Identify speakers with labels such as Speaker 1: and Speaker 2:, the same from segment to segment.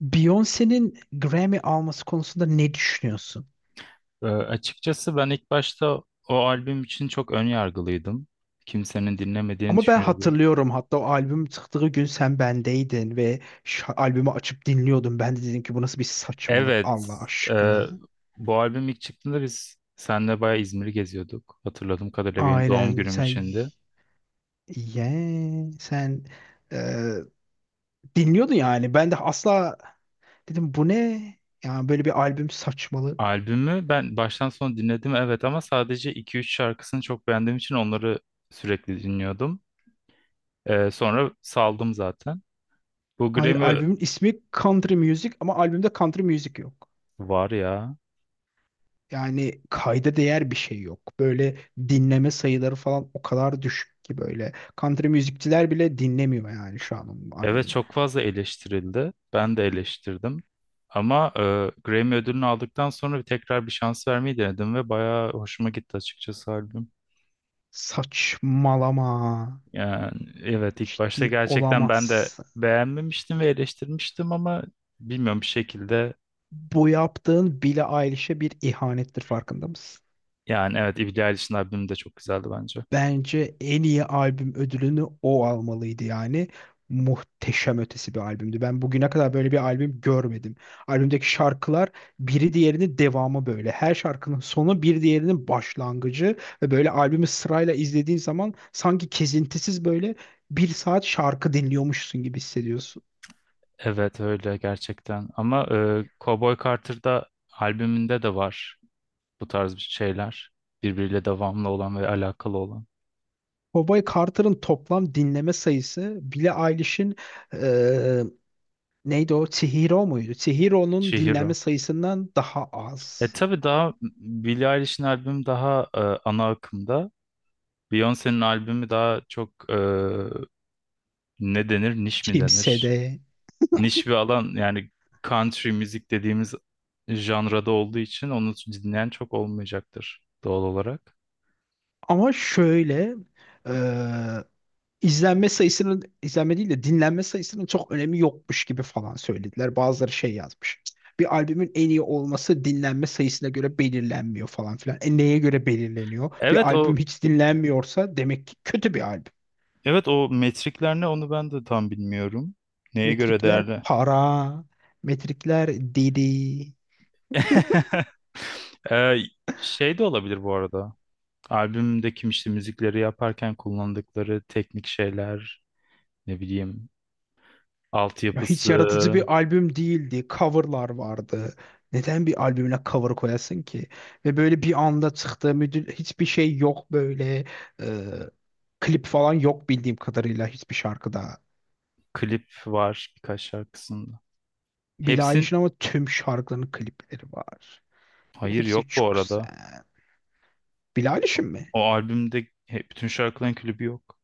Speaker 1: Beyoncé'nin Grammy alması konusunda ne düşünüyorsun?
Speaker 2: Açıkçası ben ilk başta o albüm için çok ön yargılıydım. Kimsenin dinlemediğini
Speaker 1: Ama ben
Speaker 2: düşünüyordum.
Speaker 1: hatırlıyorum, hatta o albüm çıktığı gün sen bendeydin ve şu albümü açıp dinliyordum. Ben de dedim ki bu nasıl bir saçmalık
Speaker 2: Evet,
Speaker 1: Allah
Speaker 2: e,
Speaker 1: aşkına.
Speaker 2: bu albüm ilk çıktığında biz seninle bayağı İzmir'i geziyorduk. Hatırladığım kadarıyla benim doğum
Speaker 1: Aynen
Speaker 2: günüm
Speaker 1: sen
Speaker 2: içindi.
Speaker 1: ye sen e, dinliyordun yani. Ben de asla dedim bu ne? Yani böyle bir albüm saçmalık.
Speaker 2: Albümü ben baştan sona dinledim, evet, ama sadece iki üç şarkısını çok beğendiğim için onları sürekli dinliyordum. Sonra saldım zaten. Bu
Speaker 1: Hayır,
Speaker 2: Grammy
Speaker 1: albümün ismi Country Music ama albümde country music yok.
Speaker 2: var ya.
Speaker 1: Yani kayda değer bir şey yok. Böyle dinleme sayıları falan o kadar düşük ki böyle. Country müzikçiler bile dinlemiyor yani şu an onun
Speaker 2: Evet,
Speaker 1: albümünü.
Speaker 2: çok fazla eleştirildi. Ben de eleştirdim. Ama Grammy ödülünü aldıktan sonra bir tekrar bir şans vermeyi denedim ve bayağı hoşuma gitti açıkçası albüm.
Speaker 1: Saçmalama.
Speaker 2: Yani evet, ilk başta
Speaker 1: Ciddi
Speaker 2: gerçekten ben de
Speaker 1: olamazsın.
Speaker 2: beğenmemiştim ve eleştirmiştim ama bilmiyorum, bir şekilde,
Speaker 1: Bu yaptığın Billie Eilish'e bir ihanettir, farkında mısın?
Speaker 2: yani evet, Billie Eilish'in albümü de çok güzeldi bence.
Speaker 1: Bence en iyi albüm ödülünü o almalıydı yani. Muhteşem ötesi bir albümdü. Ben bugüne kadar böyle bir albüm görmedim. Albümdeki şarkılar biri diğerinin devamı böyle. Her şarkının sonu bir diğerinin başlangıcı ve böyle albümü sırayla izlediğin zaman sanki kesintisiz böyle bir saat şarkı dinliyormuşsun gibi hissediyorsun.
Speaker 2: Evet, öyle gerçekten, ama Cowboy Carter'da albümünde de var. Bu tarz bir şeyler. Birbiriyle devamlı olan ve alakalı olan.
Speaker 1: Cowboy Carter'ın toplam dinleme sayısı Billie Eilish'in eee, neydi o? Chihiro muydu? Chihiro'nun dinlenme
Speaker 2: Chihiro.
Speaker 1: sayısından daha
Speaker 2: E
Speaker 1: az.
Speaker 2: tabii daha Billie Eilish'in albümü daha ana akımda. Beyoncé'nin albümü daha çok ne denir? Niş mi denir?
Speaker 1: Kimsede.
Speaker 2: Niş bir alan, yani country müzik dediğimiz janrada olduğu için onu dinleyen çok olmayacaktır doğal olarak.
Speaker 1: Ama şöyle e, izlenme sayısının, izlenme değil de dinlenme sayısının çok önemi yokmuş gibi falan söylediler. Bazıları şey yazmış. Bir albümün en iyi olması dinlenme sayısına göre belirlenmiyor falan filan. E neye göre belirleniyor? Bir
Speaker 2: Evet, o
Speaker 1: albüm hiç dinlenmiyorsa demek ki kötü bir albüm.
Speaker 2: evet o metrikler ne, onu ben de tam bilmiyorum. Neye göre
Speaker 1: Metrikler
Speaker 2: değerli?
Speaker 1: para, metrikler didi.
Speaker 2: Ee, Şey de olabilir bu arada. Albümde kim işte müzikleri yaparken kullandıkları teknik şeyler, ne bileyim,
Speaker 1: Ya hiç
Speaker 2: altyapısı,
Speaker 1: yaratıcı bir albüm değildi. Coverlar vardı. Neden bir albümüne cover koyasın ki? Ve böyle bir anda çıktı. Müdür, hiçbir şey yok böyle. Ee, Klip falan yok bildiğim kadarıyla hiçbir şarkıda.
Speaker 2: klip var birkaç şarkısında.
Speaker 1: Billie
Speaker 2: Hepsin
Speaker 1: Eilish'in ama tüm şarkılarının klipleri var.
Speaker 2: hayır, yok
Speaker 1: Hepsi
Speaker 2: bu
Speaker 1: çok
Speaker 2: arada.
Speaker 1: güzel. Billie Eilish'in mi?
Speaker 2: O albümde bütün şarkıların klibi yok.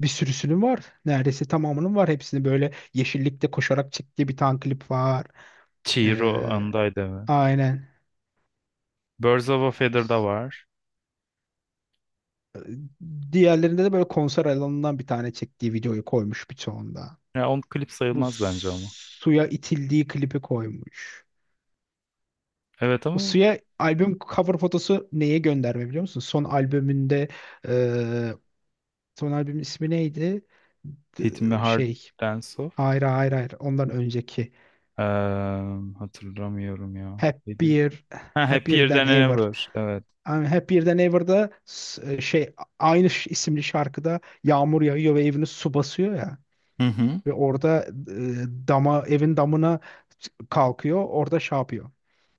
Speaker 1: Bir sürüsünün var. Neredeyse tamamının var. Hepsini böyle yeşillikte koşarak çektiği bir tane klip var.
Speaker 2: Chihiro
Speaker 1: Ee,
Speaker 2: andaydı hemen.
Speaker 1: aynen.
Speaker 2: Birds of a Feather'da var.
Speaker 1: Diğerlerinde de böyle konser alanından bir tane çektiği videoyu koymuş birçoğunda.
Speaker 2: Ya on klip
Speaker 1: Bu
Speaker 2: sayılmaz bence ama.
Speaker 1: suya itildiği klipi koymuş.
Speaker 2: Evet,
Speaker 1: O
Speaker 2: ama
Speaker 1: suya albüm cover fotosu neye gönderme biliyor musun? Son albümünde e, son albümün ismi neydi?
Speaker 2: Hit Me
Speaker 1: D-
Speaker 2: Hard
Speaker 1: Şey
Speaker 2: and Soft.
Speaker 1: hayır hayır hayır, ondan önceki
Speaker 2: Eee, Hatırlamıyorum ya. Neydi?
Speaker 1: Happier
Speaker 2: Ha,
Speaker 1: Happier
Speaker 2: Happier
Speaker 1: Than
Speaker 2: Than
Speaker 1: Ever.
Speaker 2: Ever. Evet.
Speaker 1: Yani Happier Than Ever'da aynı isimli şarkıda yağmur yağıyor ve evini su basıyor ya.
Speaker 2: Hı hı.
Speaker 1: Ve orada e, dama evin damına kalkıyor. Orada şey yapıyor.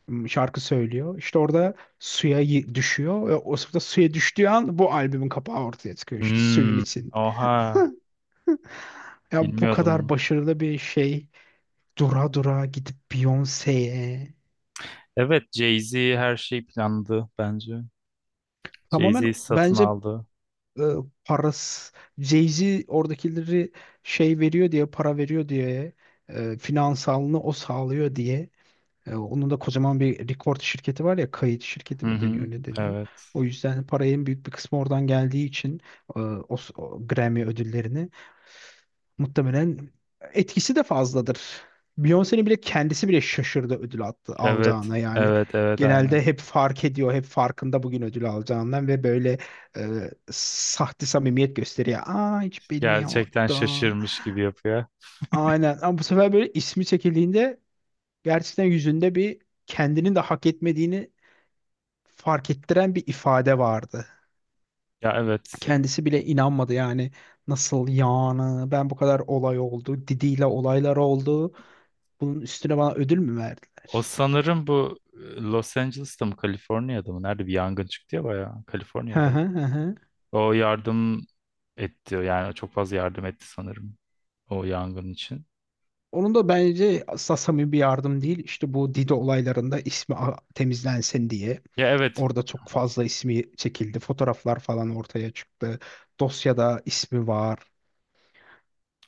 Speaker 1: Şarkı söylüyor. İşte orada suya düşüyor. Ve o sırada suya düştüğü an bu albümün kapağı ortaya çıkıyor işte suyun
Speaker 2: Hmm,
Speaker 1: içinde.
Speaker 2: oha.
Speaker 1: Ya bu
Speaker 2: Bilmiyordum
Speaker 1: kadar
Speaker 2: bunu.
Speaker 1: başarılı bir şey dura dura gidip Beyoncé'ye
Speaker 2: Evet, Jay-Z her şeyi planladı bence.
Speaker 1: tamamen
Speaker 2: Jay-Z satın
Speaker 1: bence
Speaker 2: aldı.
Speaker 1: e, parası Jay-Z oradakileri şey veriyor diye, para veriyor diye, finansalını o sağlıyor diye. E, onun da kocaman bir record şirketi var ya, kayıt şirketi
Speaker 2: Hı
Speaker 1: mi
Speaker 2: hı.
Speaker 1: deniyor ne deniyor.
Speaker 2: Evet.
Speaker 1: O yüzden parayın büyük bir kısmı oradan geldiği için o Grammy ödüllerini muhtemelen etkisi de fazladır. Beyoncé'nin bile, kendisi bile şaşırdı ödül
Speaker 2: Evet.
Speaker 1: alacağına yani.
Speaker 2: Evet, evet, aynen.
Speaker 1: Genelde hep fark ediyor, hep farkında bugün ödül alacağından ve böyle sahte samimiyet gösteriyor. Aa, hiç
Speaker 2: Gerçekten
Speaker 1: bilmiyordum.
Speaker 2: şaşırmış gibi yapıyor.
Speaker 1: Aynen, ama bu sefer böyle ismi çekildiğinde gerçekten yüzünde bir kendinin de hak etmediğini fark ettiren bir ifade vardı.
Speaker 2: Ya evet.
Speaker 1: Kendisi bile inanmadı yani, nasıl yani, ben bu kadar olay oldu, Didi'yle olaylar oldu. Bunun üstüne bana ödül mü
Speaker 2: O
Speaker 1: verdiler?
Speaker 2: sanırım bu Los Angeles'ta mı, Kaliforniya'da mı? Nerede bir yangın çıktı ya bayağı.
Speaker 1: Hı
Speaker 2: Kaliforniya'da.
Speaker 1: hı hı hı.
Speaker 2: O yardım etti. Yani çok fazla yardım etti sanırım. O yangın için.
Speaker 1: Onun da bence asla samimi bir yardım değil. İşte bu Didi olaylarında ismi temizlensin diye.
Speaker 2: Ya evet.
Speaker 1: Orada çok fazla ismi çekildi. Fotoğraflar falan ortaya çıktı. Dosyada ismi var.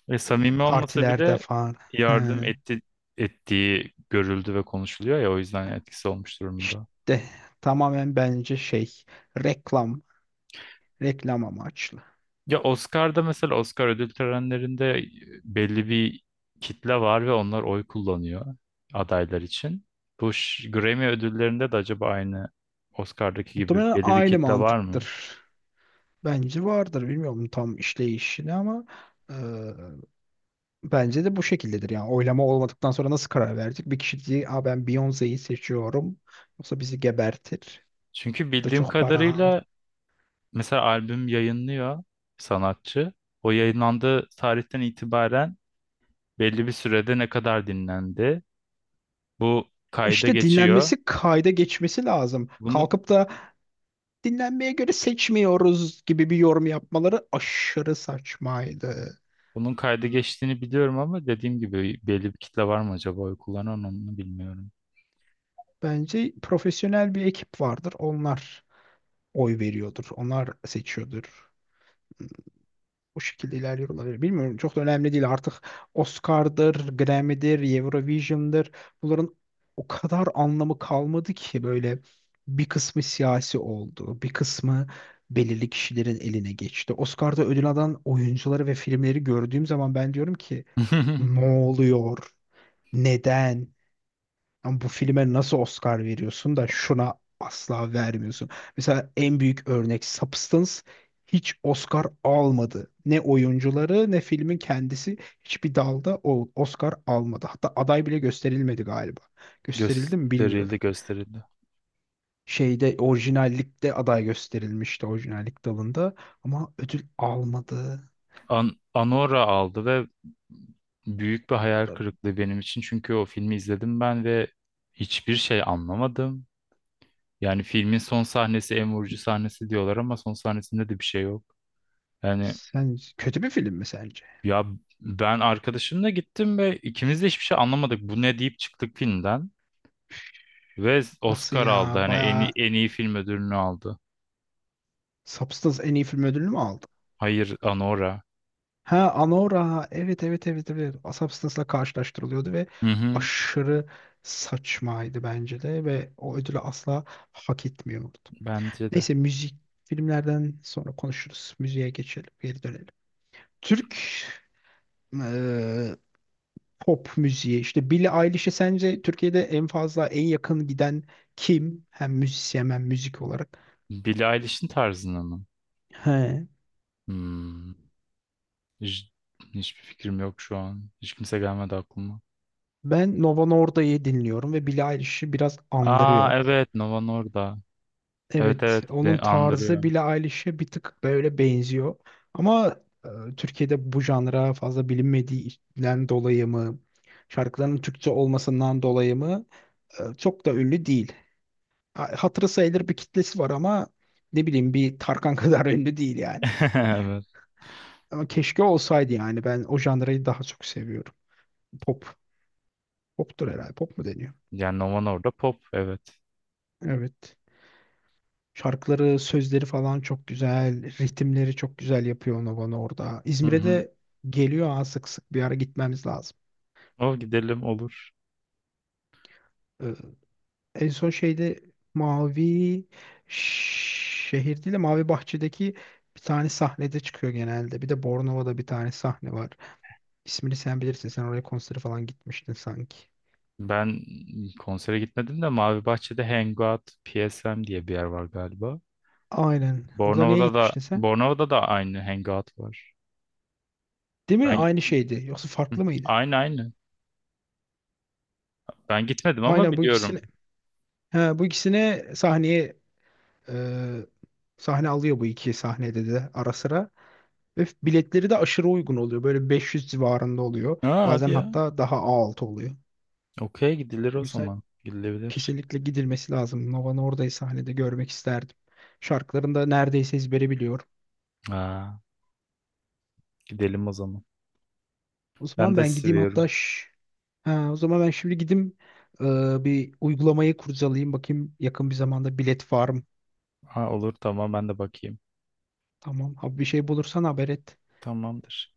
Speaker 2: Ve samimi olmasa
Speaker 1: Partilerde
Speaker 2: bile
Speaker 1: falan. Hı.
Speaker 2: yardım etti, ettiği görüldü ve konuşuluyor ya, o yüzden etkisi olmuş durumda.
Speaker 1: İşte tamamen bence şey, reklam. Reklam amaçlı.
Speaker 2: Ya Oscar'da mesela, Oscar ödül törenlerinde belli bir kitle var ve onlar oy kullanıyor adaylar için. Bu Grammy ödüllerinde de acaba aynı Oscar'daki gibi
Speaker 1: Muhtemelen
Speaker 2: belli bir
Speaker 1: aynı
Speaker 2: kitle var mı?
Speaker 1: mantıktır. Bence vardır. Bilmiyorum tam işleyişini ama e, bence de bu şekildedir. Yani oylama olmadıktan sonra nasıl karar verecek? Bir kişi diye, aa, ben Beyoncé'yi seçiyorum. Yoksa bizi gebertir.
Speaker 2: Çünkü
Speaker 1: Bu da
Speaker 2: bildiğim
Speaker 1: çok para al.
Speaker 2: kadarıyla mesela albüm yayınlıyor sanatçı. O yayınlandığı tarihten itibaren belli bir sürede ne kadar dinlendi, bu kayda
Speaker 1: İşte
Speaker 2: geçiyor.
Speaker 1: dinlenmesi, kayda geçmesi lazım.
Speaker 2: Bunu
Speaker 1: Kalkıp da dinlenmeye göre seçmiyoruz gibi bir yorum yapmaları aşırı saçmaydı.
Speaker 2: Bunun kayda geçtiğini biliyorum ama dediğim gibi belli bir kitle var mı acaba oy kullanan, onu bilmiyorum.
Speaker 1: Bence profesyonel bir ekip vardır. Onlar oy veriyordur. Onlar seçiyordur. Bu şekilde ilerliyor olabilir. Bilmiyorum, çok da önemli değil artık. Oscar'dır, Grammy'dir, Eurovision'dır. Bunların o kadar anlamı kalmadı ki böyle, bir kısmı siyasi oldu, bir kısmı belirli kişilerin eline geçti. Oscar'da ödül alan oyuncuları ve filmleri gördüğüm zaman ben diyorum ki ne oluyor? Neden? Ama bu filme nasıl Oscar veriyorsun da şuna asla vermiyorsun. Mesela en büyük örnek Substance hiç Oscar almadı. Ne oyuncuları ne filmin kendisi hiçbir dalda o Oscar almadı. Hatta aday bile gösterilmedi galiba. Gösterildi mi
Speaker 2: Gösterildi,
Speaker 1: bilmiyorum.
Speaker 2: gösterildi.
Speaker 1: Şeyde, orijinallikte aday gösterilmişti, orijinallik dalında ama ödül almadı.
Speaker 2: An Anora aldı ve büyük bir hayal
Speaker 1: Da-
Speaker 2: kırıklığı benim için. Çünkü o filmi izledim ben ve hiçbir şey anlamadım. Yani filmin son sahnesi en vurucu sahnesi diyorlar ama son sahnesinde de bir şey yok. Yani
Speaker 1: Sen kötü bir film mi sence?
Speaker 2: ya, ben arkadaşımla gittim ve ikimiz de hiçbir şey anlamadık. Bu ne deyip çıktık filmden ve
Speaker 1: Nasıl
Speaker 2: Oscar aldı.
Speaker 1: ya?
Speaker 2: Hani en iyi,
Speaker 1: Bayağı
Speaker 2: en iyi film ödülünü aldı.
Speaker 1: Substance en iyi film ödülünü mü aldı?
Speaker 2: Hayır, Anora.
Speaker 1: Ha, Anora, evet evet evet evet, Asap Sınıfı'la karşılaştırılıyordu ve
Speaker 2: Hı hı,
Speaker 1: aşırı saçmaydı bence de ve o ödülü asla hak etmiyordu.
Speaker 2: bence de.
Speaker 1: Neyse, müzik filmlerden sonra konuşuruz. Müziğe geçelim, geri dönelim. Türk eee, pop müziği, işte Billie Eilish'e sence Türkiye'de en fazla, en yakın giden kim? Hem müzisyen hem müzik olarak.
Speaker 2: Billie Eilish'in tarzına mı?
Speaker 1: He.
Speaker 2: Hmm. Hiç, hiçbir fikrim yok şu an. Hiç kimse gelmedi aklıma.
Speaker 1: Ben Nova Norda'yı dinliyorum ve Billie Eilish'i biraz
Speaker 2: Aa
Speaker 1: andırıyor.
Speaker 2: evet, Nova orada. Evet
Speaker 1: Evet,
Speaker 2: evet, ben
Speaker 1: onun
Speaker 2: andırıyor.
Speaker 1: tarzı Billie Eilish'e bir tık böyle benziyor. Ama Türkiye'de bu janra fazla bilinmediğinden dolayı mı, şarkılarının Türkçe olmasından dolayı mı çok da ünlü değil. Hatırı sayılır bir kitlesi var ama ne bileyim, bir Tarkan kadar ünlü değil yani.
Speaker 2: Evet.
Speaker 1: Ama keşke olsaydı, yani ben o janrayı daha çok seviyorum. Pop, poptur herhalde, pop mu deniyor?
Speaker 2: Yani Nova orada pop, evet.
Speaker 1: Evet. Şarkıları, sözleri falan çok güzel. Ritimleri çok güzel yapıyor onu orada.
Speaker 2: Hı
Speaker 1: İzmir'e
Speaker 2: hı.
Speaker 1: de geliyor, ha, sık sık bir ara gitmemiz lazım.
Speaker 2: O gidelim, olur.
Speaker 1: Ee, en son şeyde Mavi Şehir değil de Mavi Bahçe'deki bir tane sahnede çıkıyor genelde. Bir de Bornova'da bir tane sahne var. İsmini sen bilirsin. Sen oraya konsere falan gitmiştin sanki.
Speaker 2: Ben konsere gitmedim de Mavi Bahçe'de Hangout PSM diye bir yer var galiba.
Speaker 1: Aynen. Orada niye gitmiştin sen?
Speaker 2: Bornova'da da aynı Hangout var.
Speaker 1: Değil mi?
Speaker 2: Ben
Speaker 1: Aynı şeydi. Yoksa
Speaker 2: Hı,
Speaker 1: farklı mıydı?
Speaker 2: aynı aynı. Ben gitmedim ama
Speaker 1: Aynen, bu
Speaker 2: biliyorum.
Speaker 1: ikisini. He, bu ikisini sahneye Ee, sahne alıyor bu iki sahnede de ara sıra. Ve biletleri de aşırı uygun oluyor. Böyle 500 civarında oluyor.
Speaker 2: Aa, hadi
Speaker 1: Bazen
Speaker 2: ya.
Speaker 1: hatta daha A6 oluyor.
Speaker 2: Okey, gidilir
Speaker 1: O
Speaker 2: o
Speaker 1: yüzden
Speaker 2: zaman. Gidilebilir.
Speaker 1: kesinlikle gidilmesi lazım. Nova'nı oradayı sahnede görmek isterdim. Şarkılarını da neredeyse ezbere biliyorum.
Speaker 2: Aa, gidelim o zaman.
Speaker 1: O
Speaker 2: Ben
Speaker 1: zaman
Speaker 2: de
Speaker 1: ben gideyim,
Speaker 2: seviyorum.
Speaker 1: hatta ş- ha, o zaman ben şimdi gideyim bir uygulamayı kurcalayayım, bakayım yakın bir zamanda bilet var mı?
Speaker 2: Ha olur, tamam, ben de bakayım.
Speaker 1: Tamam. Abi, bir şey bulursan haber et.
Speaker 2: Tamamdır.